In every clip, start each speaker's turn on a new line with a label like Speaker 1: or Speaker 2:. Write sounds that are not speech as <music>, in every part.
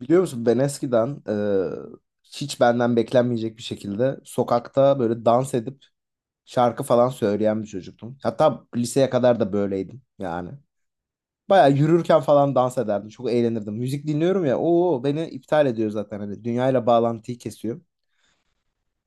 Speaker 1: Biliyor musun ben eskiden hiç benden beklenmeyecek bir şekilde sokakta böyle dans edip şarkı falan söyleyen bir çocuktum. Hatta liseye kadar da böyleydim yani. Baya yürürken falan dans ederdim. Çok eğlenirdim. Müzik dinliyorum ya. Oo beni iptal ediyor zaten hani dünyayla bağlantıyı kesiyor.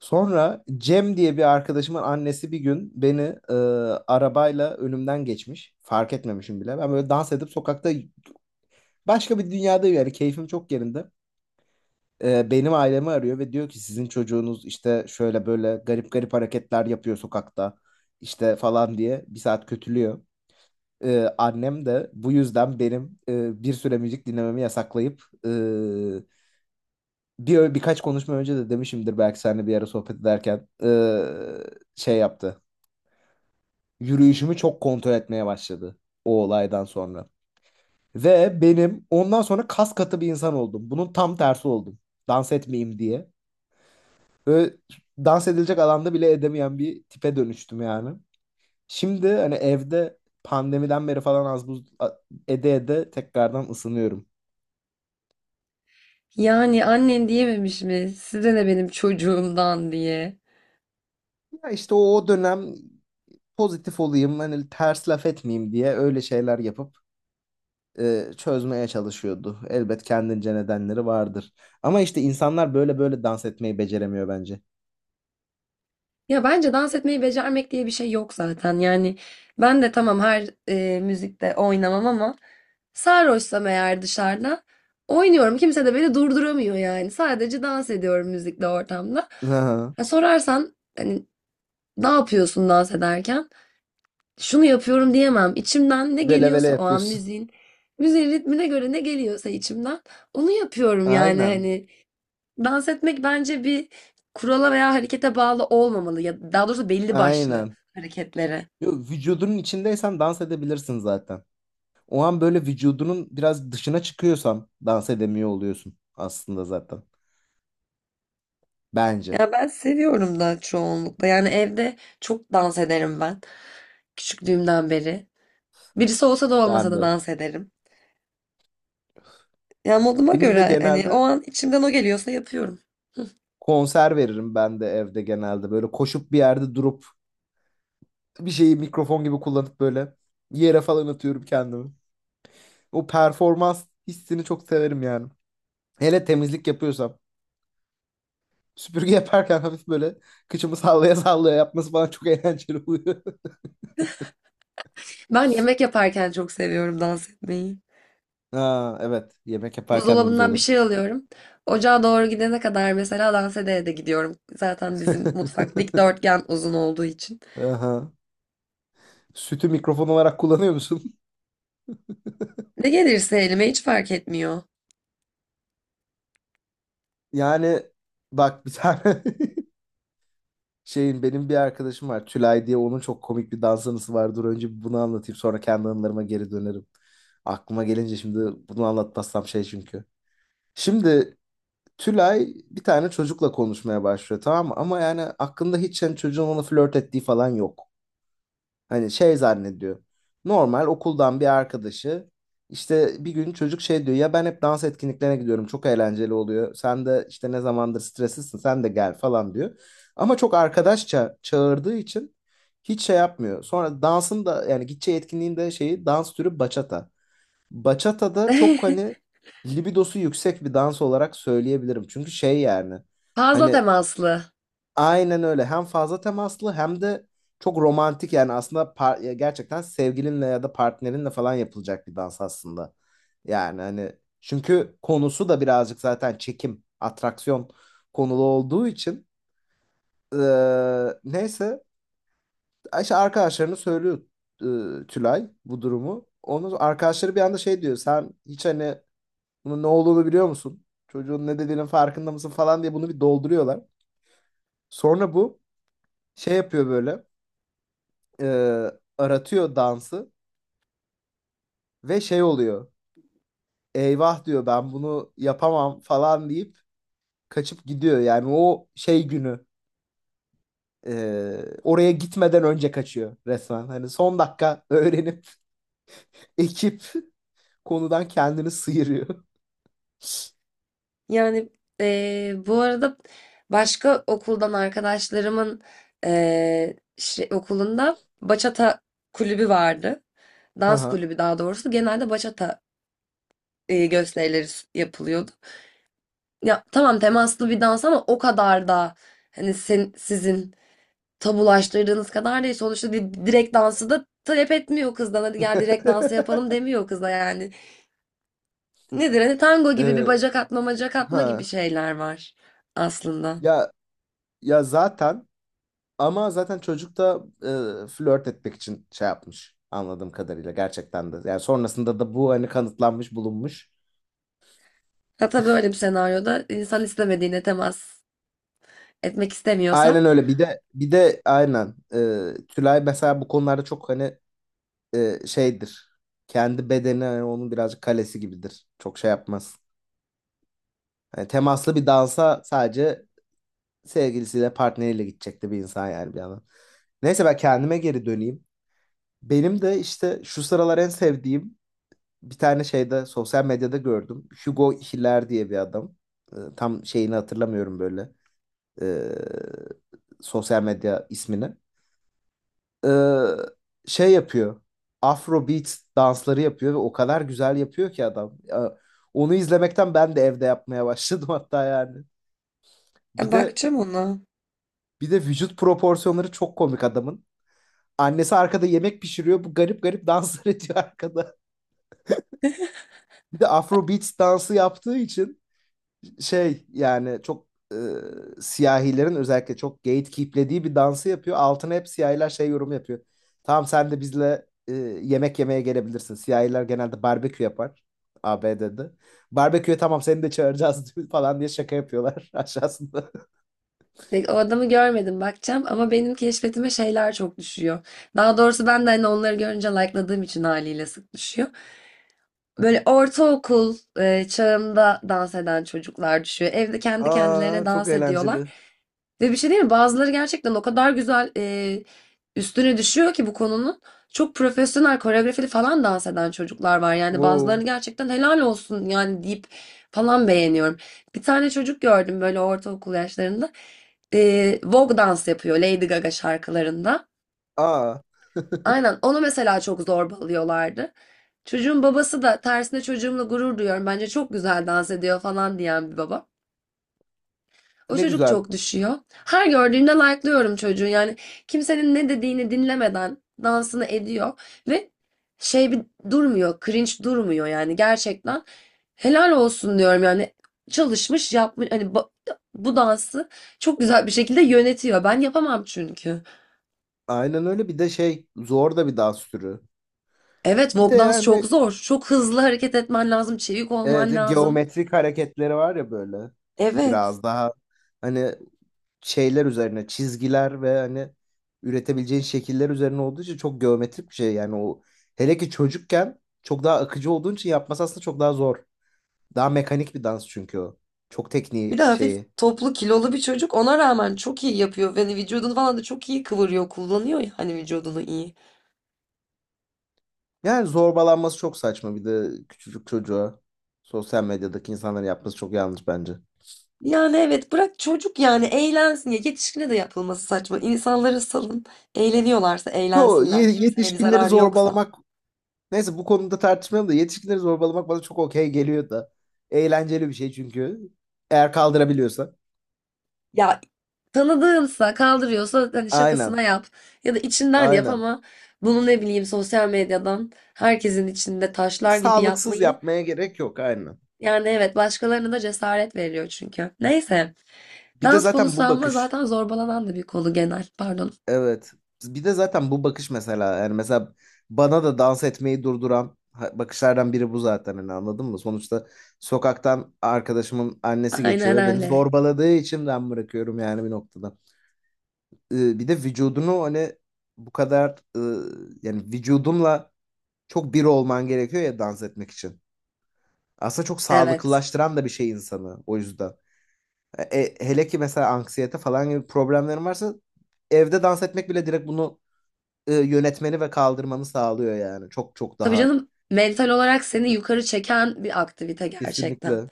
Speaker 1: Sonra Cem diye bir arkadaşımın annesi bir gün beni e, arabayla önümden geçmiş. Fark etmemişim bile. Ben böyle dans edip sokakta başka bir dünyadayım yani keyfim çok yerinde. Benim ailemi arıyor ve diyor ki sizin çocuğunuz işte şöyle böyle garip garip hareketler yapıyor sokakta işte falan diye bir saat kötülüyor. E, annem de bu yüzden benim bir süre müzik dinlememi yasaklayıp birkaç konuşma önce de demişimdir belki seninle bir ara sohbet ederken şey yaptı. Yürüyüşümü çok kontrol etmeye başladı o olaydan sonra. Ve benim ondan sonra kas katı bir insan oldum. Bunun tam tersi oldum. Dans etmeyeyim diye. Böyle dans edilecek alanda bile edemeyen bir tipe dönüştüm yani. Şimdi hani evde pandemiden beri falan az buz ede ede tekrardan ısınıyorum.
Speaker 2: Yani annem diyememiş mi? Size ne benim çocuğumdan diye.
Speaker 1: Ya işte o dönem pozitif olayım hani ters laf etmeyeyim diye öyle şeyler yapıp çözmeye çalışıyordu. Elbet kendince nedenleri vardır. Ama işte insanlar böyle böyle dans etmeyi beceremiyor bence.
Speaker 2: Ya bence dans etmeyi becermek diye bir şey yok zaten. Yani ben de tamam her müzikte oynamam ama sarhoşsam eğer dışarıda oynuyorum. Kimse de beni durduramıyor yani. Sadece dans ediyorum müzikle ortamda.
Speaker 1: Aha.
Speaker 2: Ya sorarsan hani ne yapıyorsun dans ederken? Şunu yapıyorum diyemem. İçimden ne
Speaker 1: Vele vele
Speaker 2: geliyorsa o an
Speaker 1: yapıyorsun.
Speaker 2: müziğin ritmine göre ne geliyorsa içimden onu yapıyorum yani
Speaker 1: Aynen.
Speaker 2: hani. Dans etmek bence bir kurala veya harekete bağlı olmamalı ya daha doğrusu belli başlı
Speaker 1: Aynen.
Speaker 2: hareketlere.
Speaker 1: Yo, vücudunun içindeysen dans edebilirsin zaten. O an böyle vücudunun biraz dışına çıkıyorsan dans edemiyor oluyorsun aslında zaten. Bence.
Speaker 2: Ya ben seviyorum da çoğunlukla. Yani evde çok dans ederim ben küçüklüğümden beri. Birisi olsa da olmasa
Speaker 1: Ben
Speaker 2: da
Speaker 1: de.
Speaker 2: dans ederim. Ya moduma
Speaker 1: Benim de
Speaker 2: göre hani
Speaker 1: genelde
Speaker 2: o an içimden o geliyorsa yapıyorum.
Speaker 1: konser veririm ben de evde genelde. Böyle koşup bir yerde durup bir şeyi mikrofon gibi kullanıp böyle yere falan atıyorum kendimi. O performans hissini çok severim yani. Hele temizlik yapıyorsam. Süpürge <laughs> yaparken hafif böyle kıçımı sallaya sallaya yapması bana çok eğlenceli oluyor. <laughs>
Speaker 2: Ben yemek yaparken çok seviyorum dans etmeyi.
Speaker 1: Ha, evet. Yemek yaparken de güzel
Speaker 2: Buzdolabından bir
Speaker 1: olur.
Speaker 2: şey alıyorum. Ocağa doğru gidene kadar mesela dans ede de gidiyorum. Zaten bizim mutfak dikdörtgen uzun olduğu için.
Speaker 1: <laughs> Aha. Sütü mikrofon olarak kullanıyor musun? <laughs>
Speaker 2: Ne gelirse elime hiç fark etmiyor.
Speaker 1: Yani bak bir tane <laughs> şeyin benim bir arkadaşım var. Tülay diye onun çok komik bir dans anısı var. Dur önce bir bunu anlatayım sonra kendi anılarıma geri dönerim. Aklıma gelince şimdi bunu anlatmazsam şey çünkü. Şimdi Tülay bir tane çocukla konuşmaya başlıyor tamam mı? Ama yani aklında hiç yani çocuğun ona flört ettiği falan yok. Hani şey zannediyor. Normal okuldan bir arkadaşı işte bir gün çocuk şey diyor ya ben hep dans etkinliklerine gidiyorum çok eğlenceli oluyor. Sen de işte ne zamandır streslisin sen de gel falan diyor. Ama çok arkadaşça çağırdığı için hiç şey yapmıyor. Sonra dansın da yani gideceği etkinliğin de şeyi dans türü bachata. Bachata da çok hani
Speaker 2: <laughs>
Speaker 1: libidosu yüksek bir dans olarak söyleyebilirim. Çünkü şey yani
Speaker 2: Fazla
Speaker 1: hani
Speaker 2: temaslı.
Speaker 1: aynen öyle. Hem fazla temaslı hem de çok romantik yani aslında ya gerçekten sevgilinle ya da partnerinle falan yapılacak bir dans aslında. Yani hani çünkü konusu da birazcık zaten çekim, atraksiyon konulu olduğu için neyse işte arkadaşlarını söylüyor Tülay bu durumu. Onun arkadaşları bir anda şey diyor sen hiç hani bunun ne olduğunu biliyor musun? Çocuğun ne dediğinin farkında mısın falan diye bunu bir dolduruyorlar. Sonra bu şey yapıyor böyle. e, Aratıyor dansı ve şey oluyor. Eyvah diyor ben bunu yapamam falan deyip kaçıp gidiyor. Yani o şey günü oraya gitmeden önce kaçıyor resmen. Hani son dakika öğrenip <laughs> ekip konudan kendini sıyırıyor. <laughs>
Speaker 2: Yani bu arada başka okuldan arkadaşlarımın okulunda bachata kulübü vardı. Dans
Speaker 1: Haha.
Speaker 2: kulübü daha doğrusu. Genelde bachata yapılıyordu. Ya tamam temaslı bir dans ama o kadar da hani sen, sizin tabulaştırdığınız kadar değil. Sonuçta direkt dansı da talep etmiyor kızdan. Hadi gel direkt dansı
Speaker 1: <laughs>
Speaker 2: yapalım demiyor kıza yani. Nedir? Hani tango gibi bir
Speaker 1: E,
Speaker 2: bacak atma, bacak atma gibi
Speaker 1: ha.
Speaker 2: şeyler var aslında.
Speaker 1: Ya ya zaten ama zaten çocuk da flört etmek için şey yapmış anladığım kadarıyla gerçekten de. Yani sonrasında da bu hani kanıtlanmış bulunmuş.
Speaker 2: Hatta böyle bir senaryoda insan istemediğine temas etmek istemiyorsa
Speaker 1: Aynen öyle. Bir de aynen. Tülay mesela bu konularda çok hani şeydir. Kendi bedeni hani onun birazcık kalesi gibidir. Çok şey yapmaz. Hani temaslı bir dansa sadece sevgilisiyle partneriyle gidecekti bir insan yani bir yandan. Neyse ben kendime geri döneyim. Benim de işte şu sıralar en sevdiğim bir tane şeyde sosyal medyada gördüm. Hugo Hiller diye bir adam. Tam şeyini hatırlamıyorum böyle. Ee, sosyal medya ismini. e, Şey yapıyor. Afrobeat dansları yapıyor ve o kadar güzel yapıyor ki adam. Ya, onu izlemekten ben de evde yapmaya başladım <laughs> hatta yani. Bir de
Speaker 2: bakacağım ona.
Speaker 1: bir de vücut proporsiyonları çok komik adamın. Annesi arkada yemek pişiriyor. Bu garip garip danslar <laughs> ediyor arkada. Bir de Afrobeat dansı yaptığı için şey yani çok siyahilerin özellikle çok gatekeeplediği bir dansı yapıyor. Altına hep siyahiler şey yorum yapıyor. Tamam sen de bizle yemek yemeye gelebilirsin. Siyahiler genelde barbekü yapar ABD'de. Barbeküye tamam seni de çağıracağız <laughs> falan diye şaka yapıyorlar <laughs> aşağısında.
Speaker 2: O adamı görmedim bakacağım ama benim keşfetime şeyler çok düşüyor. Daha doğrusu ben de hani onları görünce like'ladığım için haliyle sık düşüyor. Böyle ortaokul çağında dans eden çocuklar düşüyor. Evde kendi kendilerine
Speaker 1: Aa çok
Speaker 2: dans ediyorlar.
Speaker 1: eğlenceli.
Speaker 2: Ve bir şey değil mi? Bazıları gerçekten o kadar güzel üstüne düşüyor ki bu konunun. Çok profesyonel koreografili falan dans eden çocuklar var. Yani
Speaker 1: Wow.
Speaker 2: bazılarını gerçekten helal olsun yani deyip falan beğeniyorum. Bir tane çocuk gördüm böyle ortaokul yaşlarında. Vogue dans yapıyor Lady Gaga şarkılarında.
Speaker 1: Aa
Speaker 2: Aynen onu mesela çok zorbalıyorlardı. Çocuğun babası da tersine çocuğumla gurur duyuyorum. Bence çok güzel dans ediyor falan diyen bir baba. O
Speaker 1: ne
Speaker 2: çocuk
Speaker 1: güzel.
Speaker 2: çok düşüyor. Her gördüğümde like'lıyorum çocuğu. Yani kimsenin ne dediğini dinlemeden dansını ediyor ve şey bir durmuyor, cringe durmuyor yani gerçekten. Helal olsun diyorum yani. Çalışmış, yapmış hani bu dansı çok güzel bir şekilde yönetiyor. Ben yapamam çünkü.
Speaker 1: Aynen öyle bir de şey zor da bir dans türü.
Speaker 2: Evet,
Speaker 1: Bir de
Speaker 2: walk dans
Speaker 1: yani
Speaker 2: çok zor. Çok hızlı hareket etmen lazım, çevik olman
Speaker 1: evet,
Speaker 2: lazım.
Speaker 1: geometrik hareketleri var ya böyle.
Speaker 2: Evet.
Speaker 1: Biraz daha hani şeyler üzerine çizgiler ve hani üretebileceğin şekiller üzerine olduğu için çok geometrik bir şey yani o hele ki çocukken çok daha akıcı olduğun için yapması aslında çok daha zor. Daha mekanik bir dans çünkü o. Çok
Speaker 2: Bir de
Speaker 1: tekniği
Speaker 2: hafif
Speaker 1: şeyi.
Speaker 2: toplu kilolu bir çocuk ona rağmen çok iyi yapıyor. Yani vücudunu falan da çok iyi kıvırıyor, kullanıyor ya hani vücudunu iyi.
Speaker 1: Yani zorbalanması çok saçma bir de küçücük çocuğa sosyal medyadaki insanların yapması çok yanlış bence.
Speaker 2: Yani evet bırak çocuk yani eğlensin ya yetişkine de yapılması saçma. İnsanları salın eğleniyorlarsa
Speaker 1: Yo
Speaker 2: eğlensinler kimseye bir
Speaker 1: yetişkinleri
Speaker 2: zararı yoksa.
Speaker 1: zorbalamak neyse bu konuda tartışmayalım da yetişkinleri zorbalamak bana çok okey geliyor da. Eğlenceli bir şey çünkü. Eğer kaldırabiliyorsa.
Speaker 2: Ya tanıdığınsa kaldırıyorsa hani
Speaker 1: Aynen.
Speaker 2: şakasına yap ya da içinden yap
Speaker 1: Aynen.
Speaker 2: ama bunu ne bileyim sosyal medyadan herkesin içinde taşlar gibi
Speaker 1: Sağlıksız
Speaker 2: yapmayı.
Speaker 1: yapmaya gerek yok aynen.
Speaker 2: Yani evet başkalarına da cesaret veriyor çünkü. Neyse.
Speaker 1: Bir de
Speaker 2: Dans
Speaker 1: zaten
Speaker 2: konusu
Speaker 1: bu
Speaker 2: ama
Speaker 1: bakış
Speaker 2: zaten zorbalanan da bir konu genel. Pardon.
Speaker 1: evet. Bir de zaten bu bakış mesela yani mesela bana da dans etmeyi durduran bakışlardan biri bu zaten hani anladın mı? Sonuçta sokaktan arkadaşımın annesi geçiyor
Speaker 2: Aynen
Speaker 1: ve beni
Speaker 2: öyle.
Speaker 1: zorbaladığı için ben bırakıyorum yani bir noktada. Bir de vücudunu hani bu kadar e, yani vücudunla çok bir olman gerekiyor ya dans etmek için. Aslında çok
Speaker 2: Evet.
Speaker 1: sağlıklılaştıran da bir şey insanı o yüzden. E, hele ki mesela anksiyete falan gibi problemlerin varsa evde dans etmek bile direkt bunu yönetmeni ve kaldırmanı sağlıyor yani. Çok çok
Speaker 2: Tabii
Speaker 1: daha
Speaker 2: canım mental olarak seni yukarı çeken bir aktivite gerçekten.
Speaker 1: kesinlikle.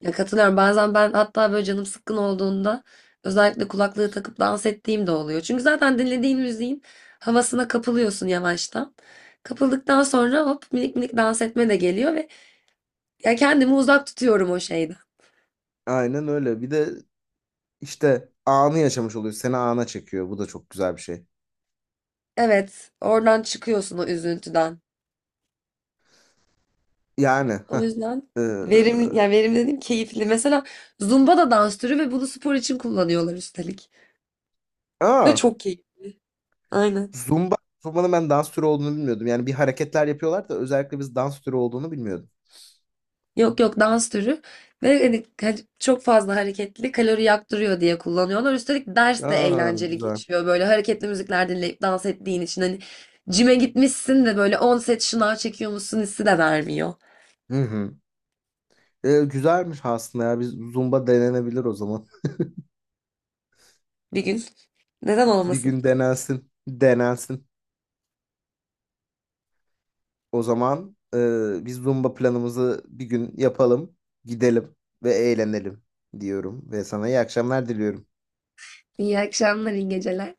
Speaker 2: Ya katılıyorum. Bazen ben hatta böyle canım sıkkın olduğunda özellikle kulaklığı takıp dans ettiğim de oluyor. Çünkü zaten dinlediğin müziğin havasına kapılıyorsun yavaştan. Kapıldıktan sonra hop minik minik dans etme de geliyor ve ya kendimi uzak tutuyorum o şeyden.
Speaker 1: Aynen öyle. Bir de işte anı yaşamış oluyor. Seni ana çekiyor. Bu da çok güzel bir şey.
Speaker 2: Evet, oradan çıkıyorsun o üzüntüden.
Speaker 1: Yani. Heh.
Speaker 2: O yüzden
Speaker 1: Ee,
Speaker 2: verimli, yani verimli dedim keyifli. Mesela Zumba da dans türü ve bunu spor için kullanıyorlar üstelik.
Speaker 1: aa,
Speaker 2: Ve çok keyif. Aynen.
Speaker 1: Zumba. Zumba'nın ben dans türü olduğunu bilmiyordum. Yani bir hareketler yapıyorlar da özellikle biz dans türü olduğunu bilmiyordum.
Speaker 2: Yok yok dans türü. Ve hani çok fazla hareketli kalori yaktırıyor diye kullanıyorlar. Üstelik ders de
Speaker 1: Aa,
Speaker 2: eğlenceli
Speaker 1: güzel.
Speaker 2: geçiyor. Böyle hareketli müzikler dinleyip dans ettiğin için hani cime gitmişsin de böyle 10 set şınav çekiyormuşsun hissi de vermiyor.
Speaker 1: Hı hı. Güzelmiş aslında ya. Biz Zumba denenebilir o zaman.
Speaker 2: Bir gün. Neden
Speaker 1: Bir
Speaker 2: olmasın?
Speaker 1: gün denensin. Denensin. O zaman biz Zumba planımızı bir gün yapalım. Gidelim ve eğlenelim diyorum. Ve sana iyi akşamlar diliyorum.
Speaker 2: İyi akşamlar, iyi geceler.